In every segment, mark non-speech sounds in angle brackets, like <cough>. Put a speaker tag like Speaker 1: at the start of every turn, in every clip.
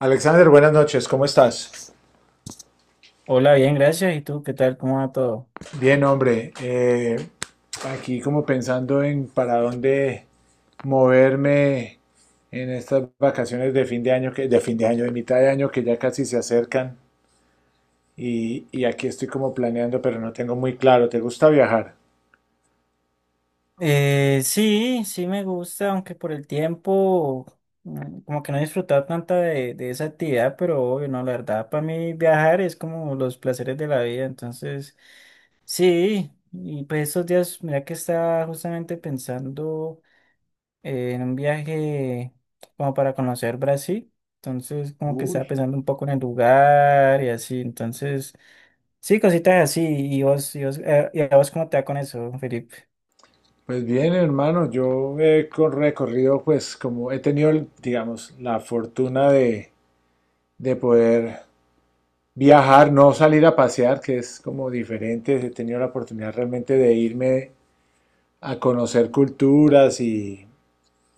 Speaker 1: Alexander, buenas noches, ¿cómo estás?
Speaker 2: Hola, bien, gracias. ¿Y tú qué tal? ¿Cómo va todo?
Speaker 1: Bien, hombre, aquí como pensando en para dónde moverme en estas vacaciones de fin de año, que, de fin de año, de mitad de año que ya casi se acercan y aquí estoy como planeando, pero no tengo muy claro, ¿te gusta viajar?
Speaker 2: Sí, me gusta, aunque por el tiempo como que no he disfrutado tanta de esa actividad, pero obvio, no, la verdad, para mí viajar es como los placeres de la vida, entonces sí, y pues estos días, mira que estaba justamente pensando en un viaje como para conocer Brasil, entonces como que
Speaker 1: Uy.
Speaker 2: estaba pensando un poco en el lugar y así, entonces. Sí, cositas así. ¿Y a vos cómo te va con eso, Felipe?
Speaker 1: Pues bien, hermano, yo recorrido, pues como he tenido, digamos, la fortuna de poder viajar, no salir a pasear, que es como diferente. He tenido la oportunidad realmente de irme a conocer culturas,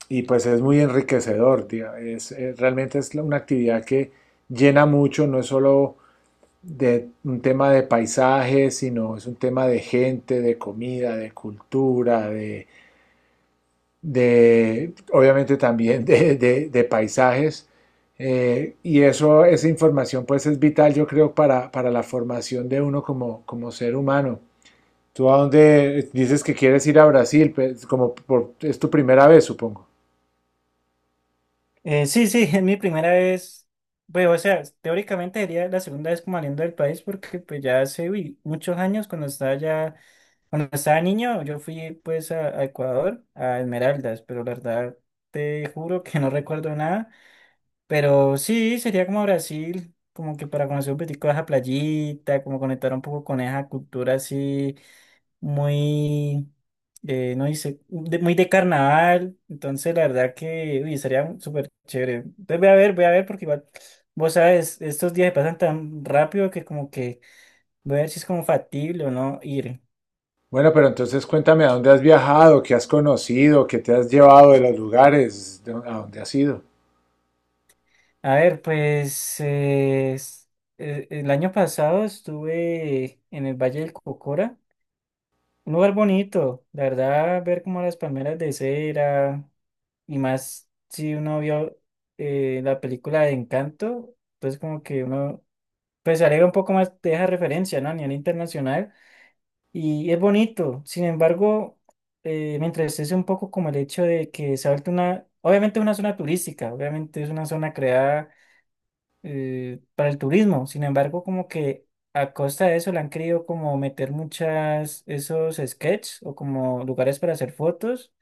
Speaker 1: y pues es muy enriquecedor, tía. Realmente es una actividad que llena mucho, no es solo de un tema de paisajes sino es un tema de gente, de comida, de cultura, obviamente también de paisajes. Y eso, esa información pues es vital, yo creo, para la formación de uno como, como ser humano. ¿Tú a dónde dices que quieres ir a Brasil? Pues, es tu primera vez, supongo.
Speaker 2: Sí, <laughs> es mi primera vez. Pues, o sea, teóricamente sería la segunda vez como saliendo del país porque pues ya hace uy, muchos años cuando estaba ya, cuando estaba niño, yo fui pues a Ecuador, a Esmeraldas, pero la verdad te juro que no recuerdo nada. Pero sí, sería como Brasil, como que para conocer un poquitico de esa playita, como conectar un poco con esa cultura así muy, no dice, de- muy de carnaval. Entonces, la verdad que uy, estaría súper chévere. Entonces, voy a ver, porque igual, vos sabes, estos días se pasan tan rápido que como que voy a ver si es como factible o no ir.
Speaker 1: Bueno, pero entonces cuéntame a dónde has viajado, qué has conocido, qué te has llevado de los lugares, a dónde has ido.
Speaker 2: A ver, pues el año pasado estuve en el Valle del Cocora, un lugar bonito, la verdad, ver como las palmeras de cera. Y más si uno vio la película de Encanto, entonces como que uno pues se alegra un poco más de esa referencia, ¿no? A nivel internacional. Y es bonito. Sin embargo, me entristece un poco como el hecho de que se ha vuelto una, obviamente es una zona turística, obviamente es una zona creada para el turismo. Sin embargo, como que a costa de eso le han querido como meter muchas, esos sketches o como lugares para hacer fotos,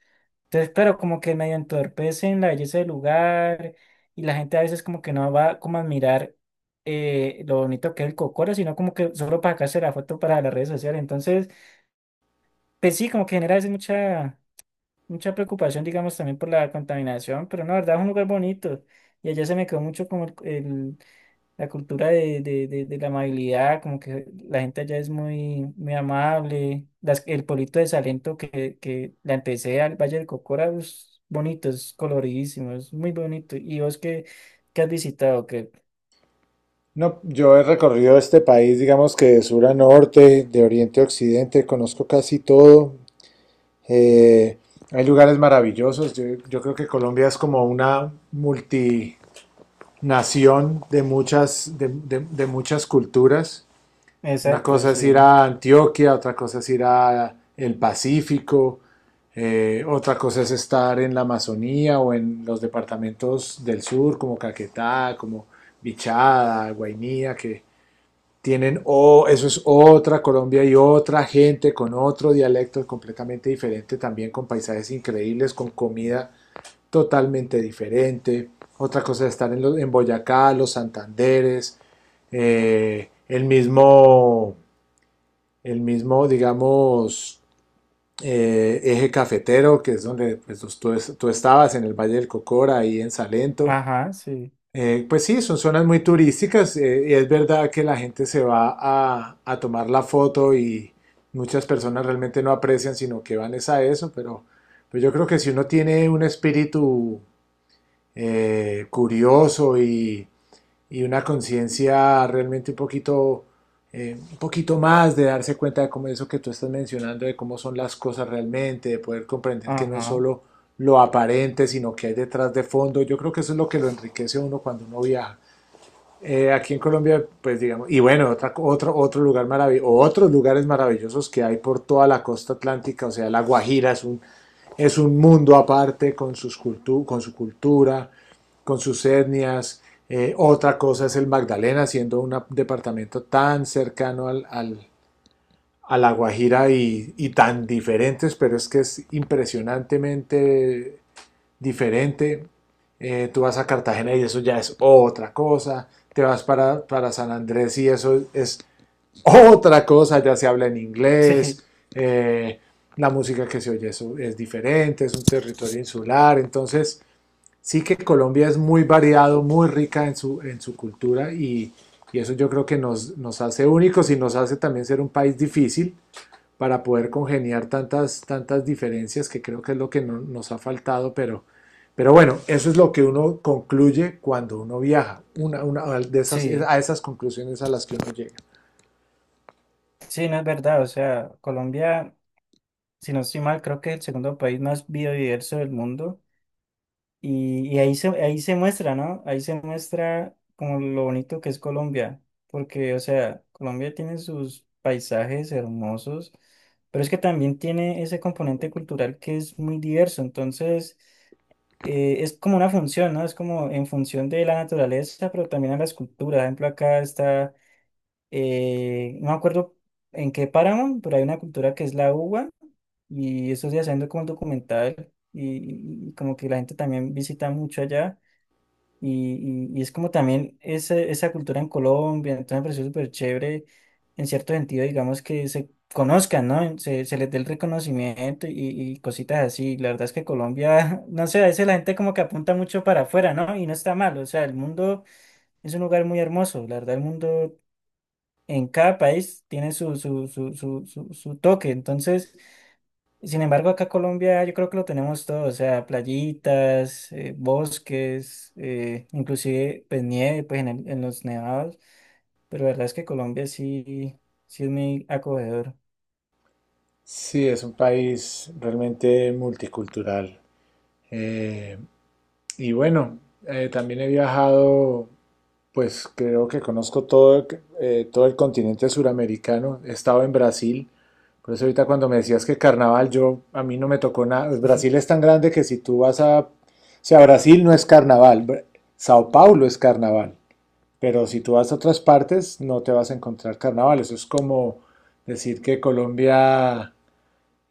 Speaker 2: entonces, pero como que medio entorpecen la belleza del lugar y la gente a veces como que no va como a admirar lo bonito que es el Cocoro, sino como que solo para sacarse la foto para las redes sociales. Entonces, pues sí, como que genera a veces mucha preocupación, digamos, también por la contaminación, pero no, la verdad es un lugar bonito. Y allá se me quedó mucho como el, la cultura de la amabilidad, como que la gente allá es muy, muy amable. Las, el pueblito de Salento que la empecé al Valle del Cocora, es bonito, es coloridísimo, es muy bonito. ¿Y vos qué, qué has visitado? Que
Speaker 1: No, yo he recorrido este país, digamos que de sur a norte, de oriente a occidente, conozco casi todo. Eh, Hay lugares maravillosos. Yo creo que Colombia es como una multinación de muchas, de muchas culturas. Una
Speaker 2: exacto,
Speaker 1: cosa es ir
Speaker 2: sí.
Speaker 1: a Antioquia, otra cosa es ir a el Pacífico, otra cosa es estar en la Amazonía o en los departamentos del sur, como Caquetá, como Vichada, Guainía, que, tienen, oh eso es otra Colombia y otra gente con otro dialecto completamente diferente también, con paisajes increíbles, con comida totalmente diferente. Otra cosa es estar en, los, en Boyacá, los Santanderes, eh, el mismo, el mismo, digamos, eje cafetero, que es donde pues, tú estabas en el Valle del Cocora, ahí en Salento.
Speaker 2: Ajá, sí.
Speaker 1: Pues sí, son zonas muy turísticas, y es verdad que la gente se va a tomar la foto y muchas personas realmente no aprecian, sino que van es a eso, pero yo creo que si uno tiene un espíritu curioso y una conciencia realmente un poquito más de darse cuenta de cómo eso que tú estás mencionando, de cómo son las cosas realmente, de poder comprender que no es
Speaker 2: Ajá. <laughs>
Speaker 1: solo lo aparente, sino que hay detrás de fondo, yo creo que eso es lo que lo enriquece a uno cuando uno viaja. Aquí en Colombia, pues digamos, y bueno, otra, otro lugar maravilloso, otros lugares maravillosos que hay por toda la costa atlántica, o sea, La Guajira es un mundo aparte con, con su cultura, con sus etnias. Otra cosa es el Magdalena, siendo un departamento tan cercano a La Guajira y tan diferentes, pero es que es impresionantemente diferente. Tú vas a Cartagena y eso ya es otra cosa. Te vas para San Andrés y eso es otra cosa. Ya se habla en
Speaker 2: Sí,
Speaker 1: inglés. eh, la música que se oye eso es diferente. Es un territorio insular. Entonces, sí que Colombia es muy variado, muy rica en su cultura y eso yo creo que nos, nos hace únicos y nos hace también ser un país difícil para poder congeniar tantas, tantas diferencias que creo que es lo que no, nos ha faltado, pero bueno, eso es lo que uno concluye cuando uno viaja, una de esas,
Speaker 2: sí.
Speaker 1: a esas conclusiones a las que uno llega.
Speaker 2: Sí, no es verdad. O sea, Colombia, si no estoy mal, creo que es el segundo país más biodiverso del mundo. Y, y ahí se muestra, ¿no? Ahí se muestra como lo bonito que es Colombia, porque, o sea, Colombia tiene sus paisajes hermosos, pero es que también tiene ese componente cultural que es muy diverso, entonces es como una función, ¿no? Es como en función de la naturaleza, pero también a las culturas. Por ejemplo, acá está no me acuerdo en qué páramo, pero hay una cultura que es la uva y eso días haciendo como un documental y como que la gente también visita mucho allá y, y es como también esa cultura en Colombia, entonces me pareció súper chévere en cierto sentido, digamos que se conozcan, ¿no? Se les dé el reconocimiento y cositas así. La verdad es que Colombia, <laughs> no sé, a veces la gente como que apunta mucho para afuera, ¿no? Y no está mal, o sea, el mundo es un lugar muy hermoso, la verdad el mundo en cada país tiene su toque. Entonces, sin embargo, acá Colombia yo creo que lo tenemos todo, o sea, playitas, bosques, inclusive pues nieve, pues en, en los nevados, pero la verdad es que Colombia sí, sí es muy acogedor.
Speaker 1: Sí, es un país realmente multicultural. Eh, y bueno, también he viajado. Pues creo que conozco todo, todo el continente suramericano. He estado en Brasil. Por eso ahorita cuando me decías que carnaval, yo a mí no me tocó nada. Pues
Speaker 2: Sí, sí.
Speaker 1: Brasil es tan grande que si tú vas a... O sea, Brasil no es carnaval. Sao Paulo es carnaval. Pero si tú vas a otras partes, no te vas a encontrar carnaval. Eso es como decir que Colombia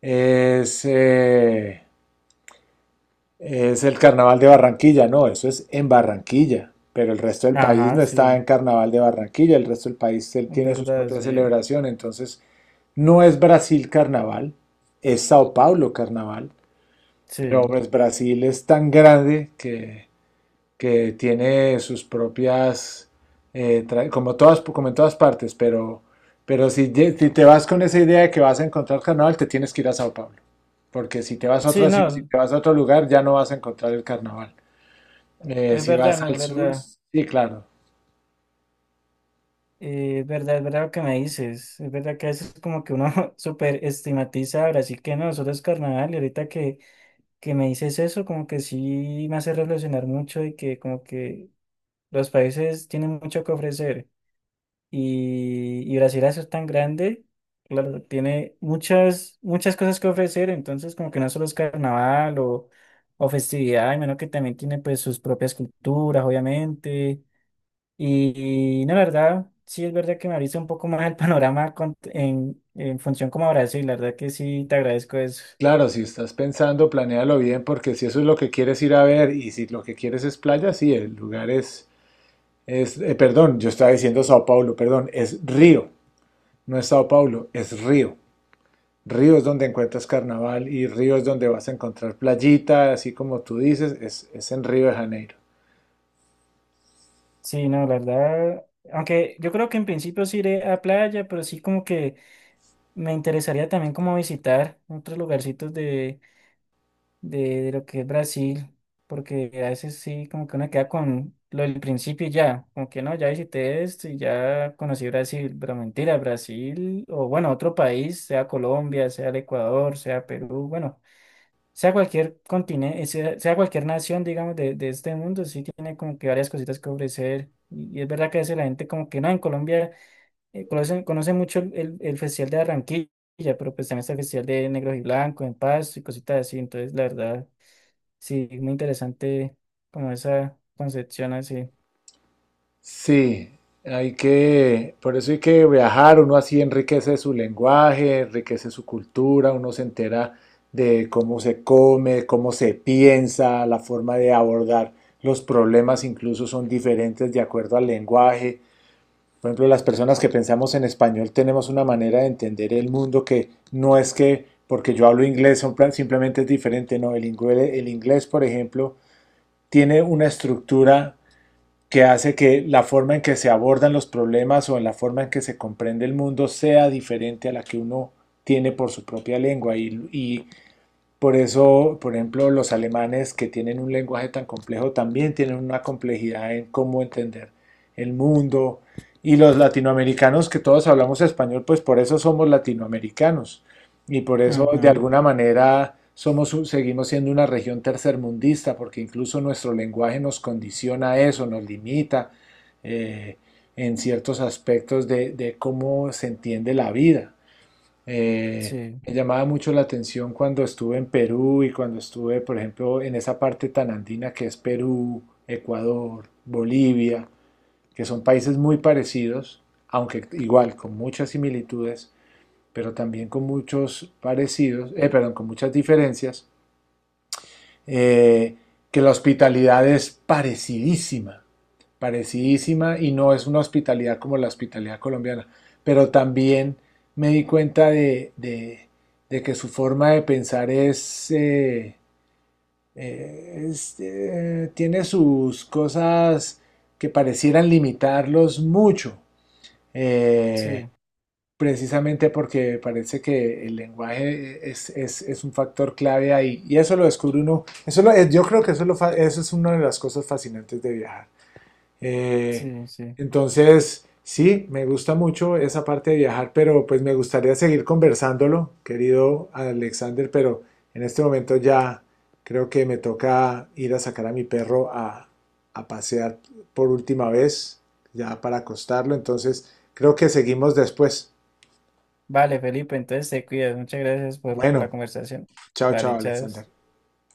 Speaker 1: es... eh, es el carnaval de Barranquilla, no, eso es en Barranquilla, pero el resto del país
Speaker 2: Ajá,
Speaker 1: no está
Speaker 2: sí,
Speaker 1: en carnaval de Barranquilla, el resto del país él
Speaker 2: es
Speaker 1: tiene sus
Speaker 2: verdad,
Speaker 1: propias
Speaker 2: sí,
Speaker 1: celebraciones, entonces no es Brasil carnaval, es Sao Paulo carnaval, pero
Speaker 2: sí.
Speaker 1: pues Brasil es tan grande que tiene sus propias, como, todas, como en todas partes, pero si te vas con esa idea de que vas a encontrar carnaval, te tienes que ir a Sao Paulo, porque si te vas a
Speaker 2: Sí,
Speaker 1: otra ciudad, si
Speaker 2: no,
Speaker 1: te vas a otro lugar, ya no vas a encontrar el carnaval.
Speaker 2: es
Speaker 1: Si
Speaker 2: verdad,
Speaker 1: vas
Speaker 2: no es
Speaker 1: al sur,
Speaker 2: verdad.
Speaker 1: sí, claro.
Speaker 2: Es verdad, es verdad lo que me dices. Es verdad que a veces como que uno <laughs> súper estigmatiza a Brasil que no, solo es carnaval y ahorita que me dices eso, como que sí me hace reflexionar mucho y que como que los países tienen mucho que ofrecer y Brasil al ser tan grande, claro, tiene muchas, muchas cosas que ofrecer, entonces como que no solo es carnaval o festividad, menos que también tiene pues sus propias culturas, obviamente, no, la verdad, sí es verdad que me abriste un poco más el <laughs> panorama en función como a Brasil, la verdad que sí te agradezco eso.
Speaker 1: Claro, si estás pensando, planéalo bien, porque si eso es lo que quieres ir a ver y si lo que quieres es playa, sí, el lugar es, perdón, yo estaba diciendo Sao Paulo, perdón, es Río, no es Sao Paulo, es Río. Ríos donde encuentras carnaval y ríos donde vas a encontrar playita, así como tú dices, es en Río de Janeiro.
Speaker 2: Sí, no, la verdad, aunque yo creo que en principio sí iré a playa, pero sí como que me interesaría también como visitar otros lugarcitos de, de lo que es Brasil, porque a veces sí como que uno queda con lo del principio y ya, como que no, ya visité esto y ya conocí Brasil, pero mentira, Brasil, o bueno, otro país, sea Colombia, sea el Ecuador, sea Perú, bueno sea cualquier continente, sea, sea cualquier nación, digamos, de este mundo, sí tiene como que varias cositas que ofrecer. Y es verdad que a veces la gente como que no, en Colombia conoce mucho el, el Festival de Barranquilla, pero pues también está el Festival de Negros y Blancos, en Paz y cositas así. Entonces, la verdad, sí, muy interesante como esa concepción así.
Speaker 1: Sí, hay que, por eso hay que viajar, uno así enriquece su lenguaje, enriquece su cultura, uno se entera de cómo se come, cómo se piensa, la forma de abordar los problemas incluso son diferentes de acuerdo al lenguaje. Por ejemplo, las personas que pensamos en español tenemos una manera de entender el mundo que no es que porque yo hablo inglés simplemente es diferente, no, el inglés, por ejemplo, tiene una estructura que hace que la forma en que se abordan los problemas o en la forma en que se comprende el mundo sea diferente a la que uno tiene por su propia lengua y por eso, por ejemplo, los alemanes que tienen un lenguaje tan complejo también tienen una complejidad en cómo entender el mundo. Y los latinoamericanos que todos hablamos español, pues por eso somos latinoamericanos. Y por eso, de
Speaker 2: Ujú.
Speaker 1: alguna manera, somos, seguimos siendo una región tercermundista, porque incluso nuestro lenguaje nos condiciona a eso, nos limita, eh, en ciertos aspectos de cómo se entiende la vida. Eh,
Speaker 2: Sí,
Speaker 1: Me llamaba mucho la atención cuando estuve en Perú y cuando estuve, por ejemplo, en esa parte tan andina que es Perú, Ecuador, Bolivia, que son países muy parecidos, aunque igual con muchas similitudes, pero también con muchos parecidos, perdón, con muchas diferencias, eh, que la hospitalidad es parecidísima, parecidísima y no es una hospitalidad como la hospitalidad colombiana, pero también me di cuenta de que su forma de pensar es tiene sus cosas que parecieran limitarlos mucho. Eh,
Speaker 2: sí,
Speaker 1: Precisamente porque parece que el lenguaje es un factor clave ahí. Y eso lo descubre uno. Yo creo que eso, lo eso es una de las cosas fascinantes de viajar. Eh,
Speaker 2: sí, sí.
Speaker 1: entonces, sí, me gusta mucho esa parte de viajar, pero pues me gustaría seguir conversándolo, querido Alexander, pero en este momento ya creo que me toca ir a sacar a mi perro a pasear por última vez, ya para acostarlo. Entonces, creo que seguimos después.
Speaker 2: Vale, Felipe, entonces te cuidas. Muchas gracias por la
Speaker 1: Bueno,
Speaker 2: conversación.
Speaker 1: chao, chao,
Speaker 2: Vale, chao.
Speaker 1: Alexander.